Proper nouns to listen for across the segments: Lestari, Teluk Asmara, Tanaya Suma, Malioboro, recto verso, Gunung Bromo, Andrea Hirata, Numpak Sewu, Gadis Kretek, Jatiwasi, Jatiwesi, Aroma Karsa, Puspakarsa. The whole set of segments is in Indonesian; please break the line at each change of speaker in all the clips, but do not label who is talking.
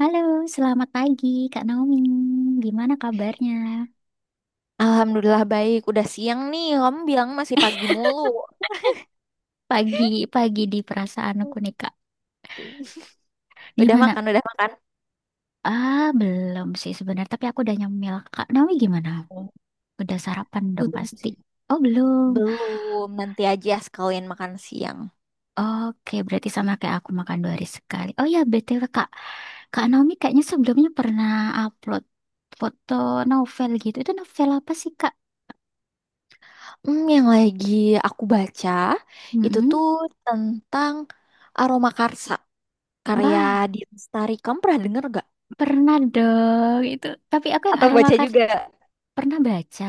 Halo, selamat pagi Kak Naomi. Gimana kabarnya?
Alhamdulillah baik. Udah siang nih. Kamu bilang masih pagi mulu.
Pagi, pagi di perasaanku nih Kak.
Udah
Gimana?
makan, udah makan.
Ah, belum sih sebenarnya, tapi aku udah nyemil. Kak Naomi gimana? Udah sarapan dong
Belum
pasti.
sih.
Oh, belum.
Belum. Nanti aja sekalian makan siang.
Oke, berarti sama kayak aku makan 2 hari sekali. Oh ya, BTW Kak. Kak Naomi kayaknya sebelumnya pernah upload foto novel gitu. Itu novel apa sih Kak?
Yang lagi aku baca itu
Mm-mm.
tuh tentang Aroma Karsa karya
Wah,
di Lestari. Kamu pernah denger gak?
pernah dong itu. Tapi aku yang
Atau
aroma.
baca juga?
Pernah baca,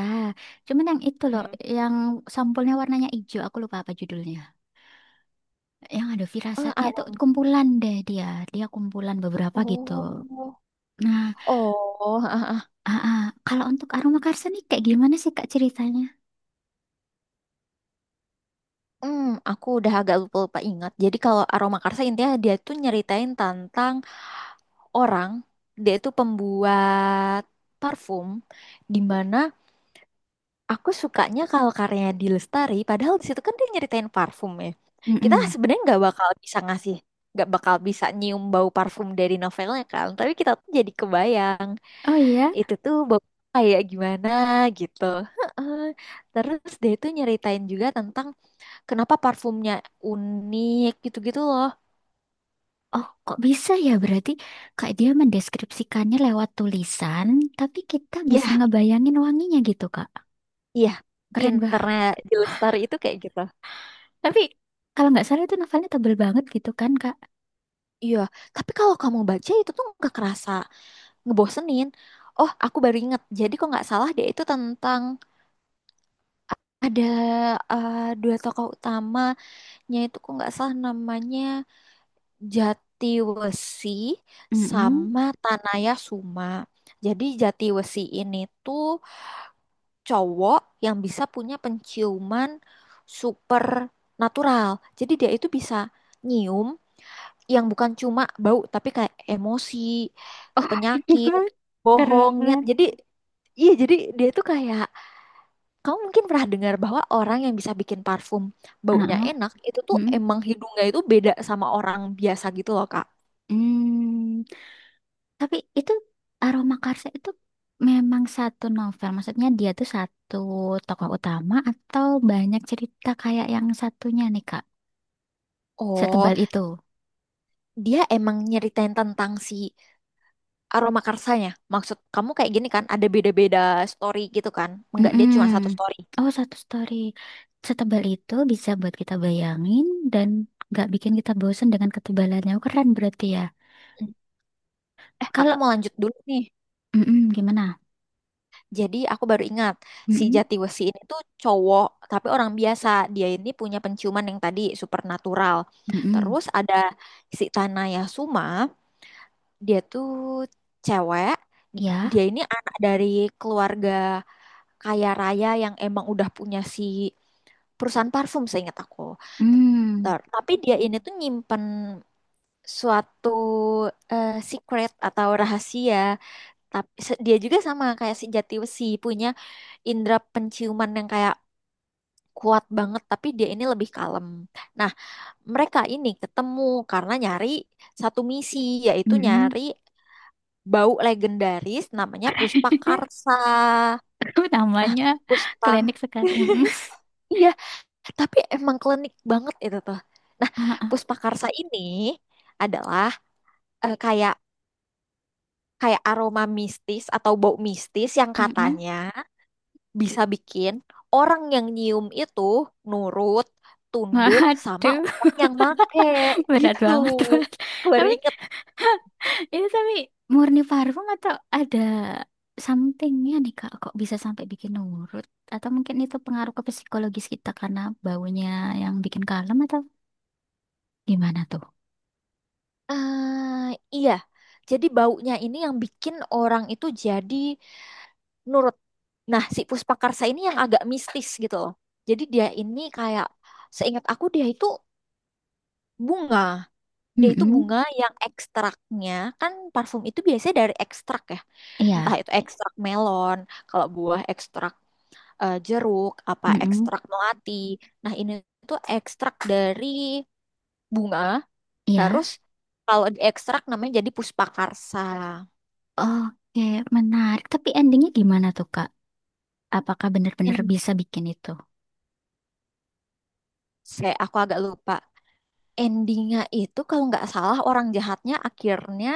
cuman yang itu loh,
Hmm.
yang sampulnya warnanya hijau, aku lupa apa judulnya. Yang ada
Oh,
firasatnya itu
Aroma.
kumpulan deh dia kumpulan beberapa gitu.
Oh.
Nah,
Oh,
ah, ah. Kalau untuk aroma karsa nih kayak gimana sih Kak ceritanya?
Hmm, aku udah agak lupa-lupa ingat. Jadi kalau Aroma Karsa intinya dia tuh nyeritain tentang orang, dia itu pembuat parfum, di mana aku sukanya kalau karyanya di Lestari. Padahal di situ kan dia nyeritain parfum ya, kita
Mm-mm.
sebenarnya nggak bakal bisa nyium bau parfum dari novelnya kan, tapi kita tuh jadi kebayang
Oh iya,
itu tuh bau kayak gimana gitu. Heeh. Terus dia itu nyeritain juga tentang kenapa parfumnya unik, gitu-gitu loh.
oh kok bisa ya berarti Kak dia mendeskripsikannya lewat tulisan, tapi kita bisa
Ya,
ngebayangin wanginya gitu Kak.
iya.
Keren bah.
Pinternya di Lestari itu kayak gitu.
Tapi kalau nggak salah itu novelnya tebel banget gitu kan Kak?
Iya, tapi kalau kamu baca itu tuh nggak kerasa ngebosenin. Oh, aku baru inget. Jadi kok nggak salah dia itu tentang ada dua tokoh utamanya. Itu kok nggak salah namanya Jatiwesi
Mm-mm.
sama Tanaya Suma. Jadi Jatiwesi ini tuh cowok yang bisa punya penciuman super natural. Jadi dia itu bisa nyium yang bukan cuma bau tapi kayak emosi.
Oh,
Penyakit, bohong, niat.
keren.
Jadi iya, jadi dia tuh kayak, kamu mungkin pernah dengar bahwa orang yang bisa bikin parfum baunya
Heeh,
enak itu tuh
mm,
emang hidungnya itu beda sama orang biasa gitu loh, Kak.
mm. Tapi itu Aroma Karsa itu memang satu novel. Maksudnya dia tuh satu tokoh utama atau banyak cerita kayak yang satunya nih Kak.
Oh,
Setebal itu.
dia emang nyeritain tentang si aroma karsanya. Maksud kamu kayak gini kan, ada beda-beda story gitu kan? Enggak, dia
Mm.
cuma satu story.
Oh, satu story. Setebal itu bisa buat kita bayangin dan nggak bikin kita bosen dengan ketebalannya. Oh, keren berarti ya.
Hmm. Eh, aku
Kalau
mau lanjut dulu nih.
gimana?
Jadi aku baru ingat si
Mm-mm,
Jatiwesi ini tuh cowok tapi orang biasa. Dia ini punya penciuman yang tadi supernatural.
mm-mm.
Terus ada si Tanaya Suma, dia tuh cewek. Dia
Ya.
ini anak dari keluarga kaya raya yang emang udah punya si perusahaan parfum seingat aku.
Mm,
Tapi dia ini tuh nyimpen suatu secret atau rahasia. Tapi dia juga sama kayak si Jatiwesi punya indera penciuman yang kayak kuat banget, tapi dia ini lebih kalem. Nah, mereka ini ketemu karena nyari satu misi, yaitu
mm-mm.
nyari bau legendaris namanya Puspakarsa. Nah,
Namanya
Puspa,
klinik sekali. Mm-mm.
iya, tapi emang klinik banget itu tuh. Nah, Puspakarsa ini adalah, eh, kayak kayak aroma mistis atau bau mistis yang
Mm. Mm-mm.
katanya bisa bikin orang yang nyium itu nurut, tunduk sama
Waduh,
orang yang make
berat
gitu.
banget. Mas.
Aku baru
Tapi
inget.
ini tapi murni parfum atau ada somethingnya nih Kak? Kok bisa sampai bikin nurut? Atau mungkin itu pengaruh ke psikologis kita karena baunya yang bikin kalem atau gimana tuh?
Ah, iya. Jadi baunya ini yang bikin orang itu jadi nurut. Nah, si Puspakarsa ini yang agak mistis gitu loh. Jadi dia ini kayak, seingat aku dia itu bunga. Dia itu
Mm-mm.
bunga yang ekstraknya, kan parfum itu biasanya dari ekstrak ya. Entah
Iya.
itu ekstrak melon, kalau buah ekstrak jeruk, apa
Mm-mm.
ekstrak melati. Nah, ini tuh ekstrak dari bunga, terus
Iya.
kalau diekstrak namanya jadi puspakarsa.
Oke, menarik. Tapi endingnya gimana tuh Kak? Apakah benar-benar
En-
bisa bikin itu?
saya aku agak lupa. Endingnya itu kalau nggak salah orang jahatnya akhirnya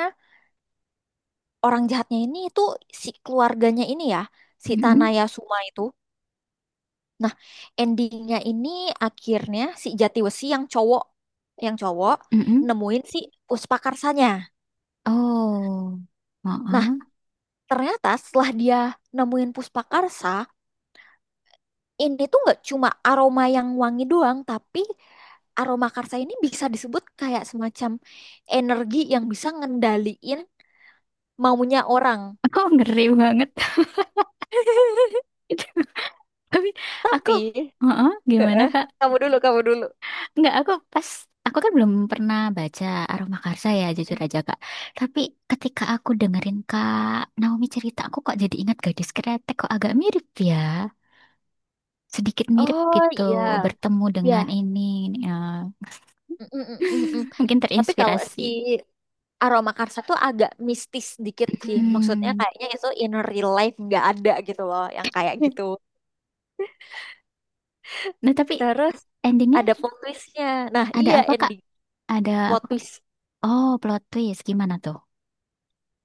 orang jahatnya ini itu si keluarganya ini ya, si
Mm-mm.
Tanaya Suma itu. Nah, endingnya ini akhirnya si Jatiwesi yang cowok, yang cowok
Mm-mm.
nemuin si Puspakarsanya.
Oh.
Nah,
Heeh.
ternyata setelah dia nemuin Puspakarsa, ini tuh nggak cuma aroma yang wangi doang, tapi aroma karsa ini bisa disebut kayak semacam energi yang bisa ngendaliin maunya orang.
Aku ngeri banget. Itu. Tapi aku,
Tapi,
heeh, gimana
Heeh,
Kak?
kamu dulu, kamu dulu.
Enggak, aku kan belum pernah baca Aroma Karsa ya, jujur aja Kak. Tapi ketika aku dengerin Kak Naomi cerita, aku kok jadi ingat Gadis Kretek, kok agak mirip ya. Sedikit mirip
Oh
gitu,
iya,
bertemu dengan
ya.
ini, ya.
Mm, mm, mm, mm, mm.
Mungkin
Tapi kalau si
terinspirasi.
aroma karsa tuh agak mistis dikit sih. Maksudnya
Hmm.
kayaknya itu in real life nggak ada gitu loh, yang kayak gitu.
Nah, tapi
Terus
endingnya
ada plot twistnya. Nah,
ada
iya,
apa Kak?
ending
Ada
plot
apa?
twist.
Oh, plot twist, gimana tuh?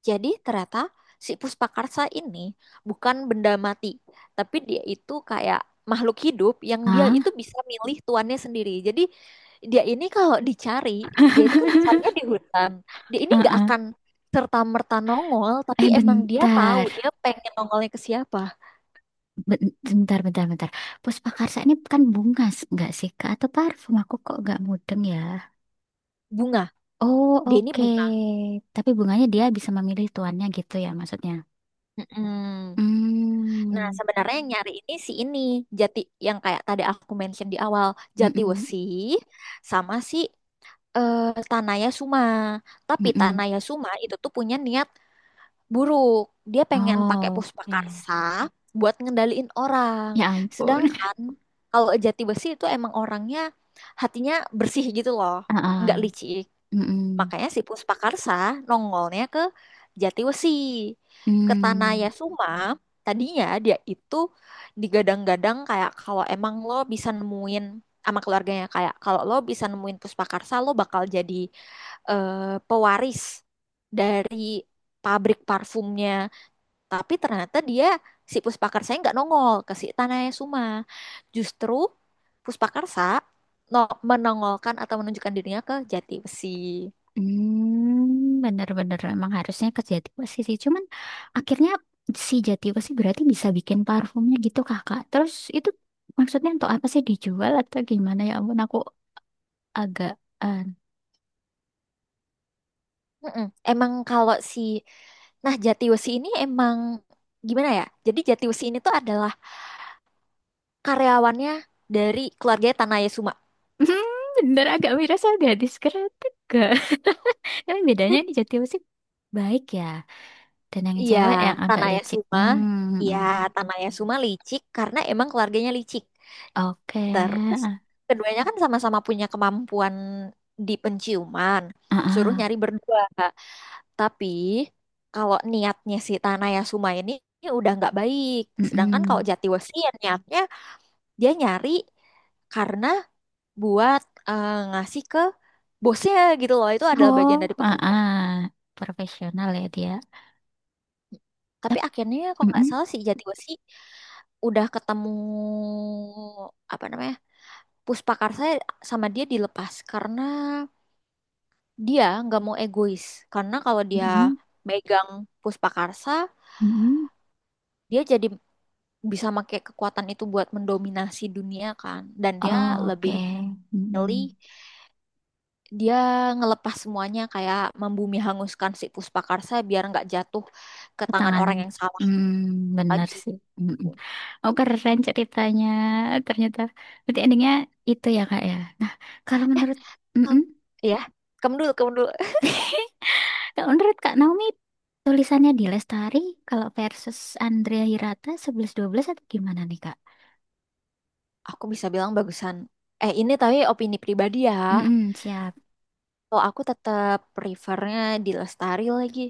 Jadi ternyata si Puspakarsa ini bukan benda mati, tapi dia itu kayak makhluk hidup yang dia
Hah?
itu bisa milih tuannya sendiri. Jadi dia ini kalau dicari, dia itu kan dicarinya di hutan. Dia ini nggak akan serta-merta nongol, tapi
Eh
emang dia tahu
bentar,
dia pengen nongolnya ke siapa.
Bentar, bentar, bentar. Puspakarsa ini kan bunga nggak sih Kak? Atau parfum aku kok nggak mudeng ya?
Bunga.
Oh
Dia ini
oke.
bunga.
Tapi bunganya dia bisa memilih tuannya gitu ya maksudnya?
Mm-mm. Nah,
Hmm,
sebenarnya yang nyari ini si ini jati, yang kayak tadi aku mention di awal, jati
mm-mm,
wesi sama si eh, Tanaya Suma. Tapi
mm-mm.
Tanaya Suma itu tuh punya niat buruk. Dia pengen pakai
Oh oke.
puspakarsa buat ngendaliin orang.
Ya ampun.
Sedangkan kalau jati wesi itu emang orangnya hatinya bersih gitu loh,
Ah,
nggak
ah.
licik.
Mm-mm.
Makanya si Puspakarsa nongolnya ke Jatiwesi, ke Tanah
Hmm.
Yasuma. Tadinya dia itu digadang-gadang kayak kalau emang lo bisa nemuin, sama keluarganya kayak kalau lo bisa nemuin Puspakarsa lo bakal jadi pewaris dari pabrik parfumnya. Tapi ternyata dia si Puspakarsa nggak nongol ke si Tanah Yasuma. Justru Puspakarsa no, menongolkan atau menunjukkan dirinya ke Jatiwesi.
Hmm, bener-bener emang harusnya ke Jatiwasi sih. Cuman akhirnya si Jatiwasi berarti bisa bikin parfumnya gitu kakak. Terus itu maksudnya untuk apa sih dijual atau gimana ya ampun aku agak eh,
Mm-mm. Emang kalau si Nah, Jatiwesi ini emang gimana ya? Jadi Jatiwesi ini tuh adalah karyawannya dari keluarga Tanaya Suma.
hmm, bener agak miras agak diskretik gak? Tapi bedanya di Jatiwasi baik ya. Dan yang
Iya,
cewek yang agak
Tanaya
licik.
Suma. Iya,
Hmm,
Tanaya Suma licik karena emang keluarganya licik.
oke.
Terus
Ah,
keduanya kan sama-sama punya kemampuan di penciuman.
ah,
Suruh
ah.
nyari berdua. Tapi kalau niatnya si Tanaya Suma ini udah nggak baik. Sedangkan kalau
Mm-mm.
Jatiwesi ya niatnya dia nyari karena buat ngasih ke bosnya gitu loh. Itu adalah bagian
Oh,
dari
ah,
pekerjaan.
ah. Profesional ya dia.
Tapi akhirnya kalau nggak
Mm-mm.
salah si Jatiwesi udah ketemu apa namanya Puspakarsa, sama dia dilepas karena dia nggak mau egois, karena kalau dia
Mm-mm,
megang Puspakarsa
mm-mm.
dia jadi bisa pakai kekuatan itu buat mendominasi dunia kan, dan dia
Oke,
lebih pilih
mm-mm.
dia ngelepas semuanya, kayak membumi hanguskan si Puspakarsa biar nggak jatuh ke tangan
Petanganan,
orang yang salah
bener
lagi.
sih. Mm-mm. Oh keren ceritanya, ternyata. Berarti endingnya itu ya kak ya. Nah kalau menurut, mm-mm.
Ya, kamu dulu, kamu dulu.
Kalau menurut kak Naomi, tulisannya di Lestari, kalau versus Andrea Hirata sebelas dua belas atau gimana nih kak?
Aku bisa bilang bagusan. Eh, ini tapi opini pribadi ya.
Mm-mm, siap.
Kalau aku tetap prefernya di Lestari lagi.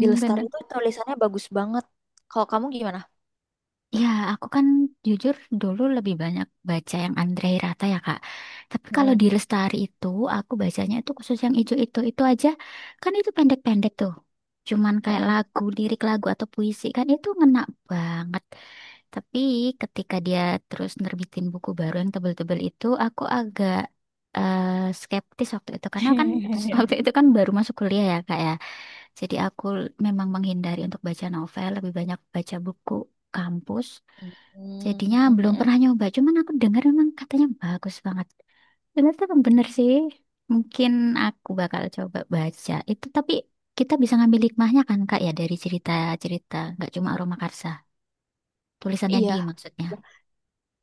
Di Lestari
bener.
itu tulisannya bagus banget. Kalau kamu gimana?
Ya, aku kan jujur dulu lebih banyak baca yang Andre Hirata ya, Kak. Tapi kalau
Mm,
di Lestari itu, aku bacanya itu khusus yang ijo itu aja. Kan itu pendek-pendek tuh. Cuman kayak
mm,
lagu, lirik lagu atau puisi kan itu ngena banget. Tapi ketika dia terus nerbitin buku baru yang tebel-tebel itu, aku agak eh, skeptis waktu itu. Karena kan
mm.
waktu itu kan baru masuk kuliah ya, Kak ya. Jadi aku memang menghindari untuk baca novel, lebih banyak baca buku kampus. Jadinya
Mm, mm,
belum
mm.
pernah nyoba, cuman aku dengar memang katanya bagus banget. Bener tuh bener sih. Mungkin aku bakal coba baca itu, tapi kita bisa ngambil hikmahnya kan Kak ya dari cerita-cerita, nggak cuma Aroma Karsa, tulisannya di
Iya.
maksudnya.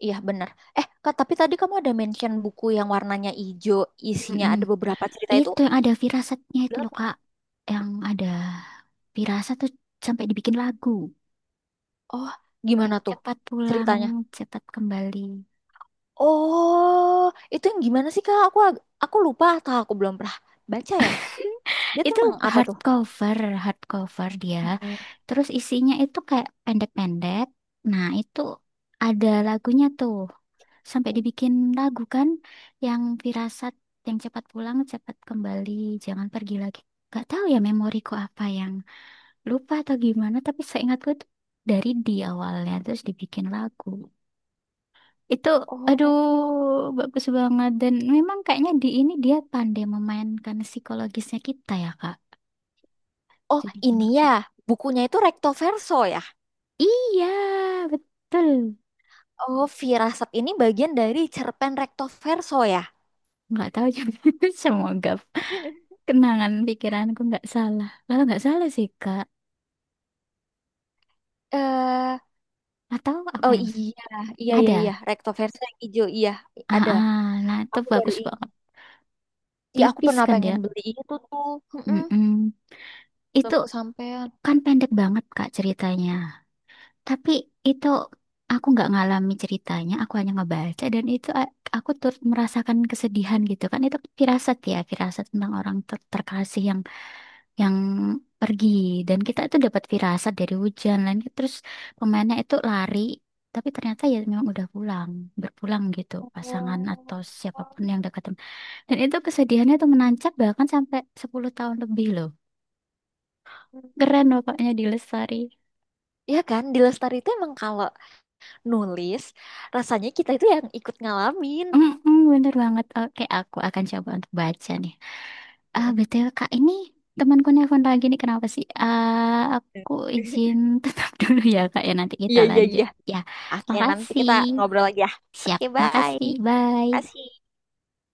Iya benar. Eh, Kak, tapi tadi kamu ada mention buku yang warnanya hijau, isinya
Mm-mm.
ada beberapa cerita itu.
Itu yang ada firasatnya itu loh
Berapa?
Kak, yang ada firasat tuh sampai dibikin lagu.
Oh, gimana
Yang
tuh
cepat pulang,
ceritanya?
cepat kembali.
Oh, itu yang gimana sih Kak? Aku lupa atau aku belum pernah baca ya. Dia
Itu
tentang apa tuh?
hardcover, hardcover dia.
Mm-mm.
Terus isinya itu kayak pendek-pendek. Nah, itu ada lagunya tuh. Sampai dibikin lagu kan yang firasat, yang cepat pulang, cepat kembali, jangan pergi lagi. Gak tahu ya memoriku apa yang lupa atau gimana, tapi seingatku itu dari di awalnya terus dibikin lagu. Itu aduh
Oh,
bagus banget dan memang kayaknya di ini dia pandai memainkan psikologisnya kita ya, Kak.
oh,
Jadi
ini ya bukunya itu recto verso ya.
iya, betul.
Oh, Firasat ini bagian dari cerpen recto verso ya.
Nggak tahu juga. Semoga kenangan pikiranku nggak salah. Kalau nggak salah sih, Kak.
Eh,
Atau apa
oh
yang
iya, iya iya iya,
ada?
recto verso yang hijau iya
Ah,
ada.
ah, nah itu
Aku baru
bagus banget.
Iya, aku
Tipis
pernah
kan dia.
pengen beli itu tuh. Mm-mm.
Mm-mm. Itu
Belum kesampaian.
kan pendek banget, Kak, ceritanya. Tapi itu aku nggak ngalami ceritanya. Aku hanya ngebaca dan itu aku turut merasakan kesedihan gitu kan. Itu firasat ya, firasat tentang orang terkasih yang pergi dan kita itu dapat firasat dari hujan lain terus pemainnya itu lari tapi ternyata ya memang udah pulang berpulang gitu pasangan atau
Oh.
siapapun yang dekat dan itu kesedihannya tuh menancap bahkan sampai 10 tahun lebih loh. Keren pokoknya di Lestari.
Iya kan, di Lestari itu emang kalau nulis, rasanya kita itu yang ikut ngalamin.
Mm-mm, bener banget, oke aku akan coba untuk baca nih. Ah,
Mm.
BTW Kak ini temanku nelpon lagi nih kenapa sih, ah aku izin tetap dulu ya Kak ya nanti kita
Iya, iya,
lanjut
iya.
ya.
Oke, nanti
Makasih.
kita ngobrol lagi ya.
Siap,
Oke, bye.
makasih. Bye.
Kasih.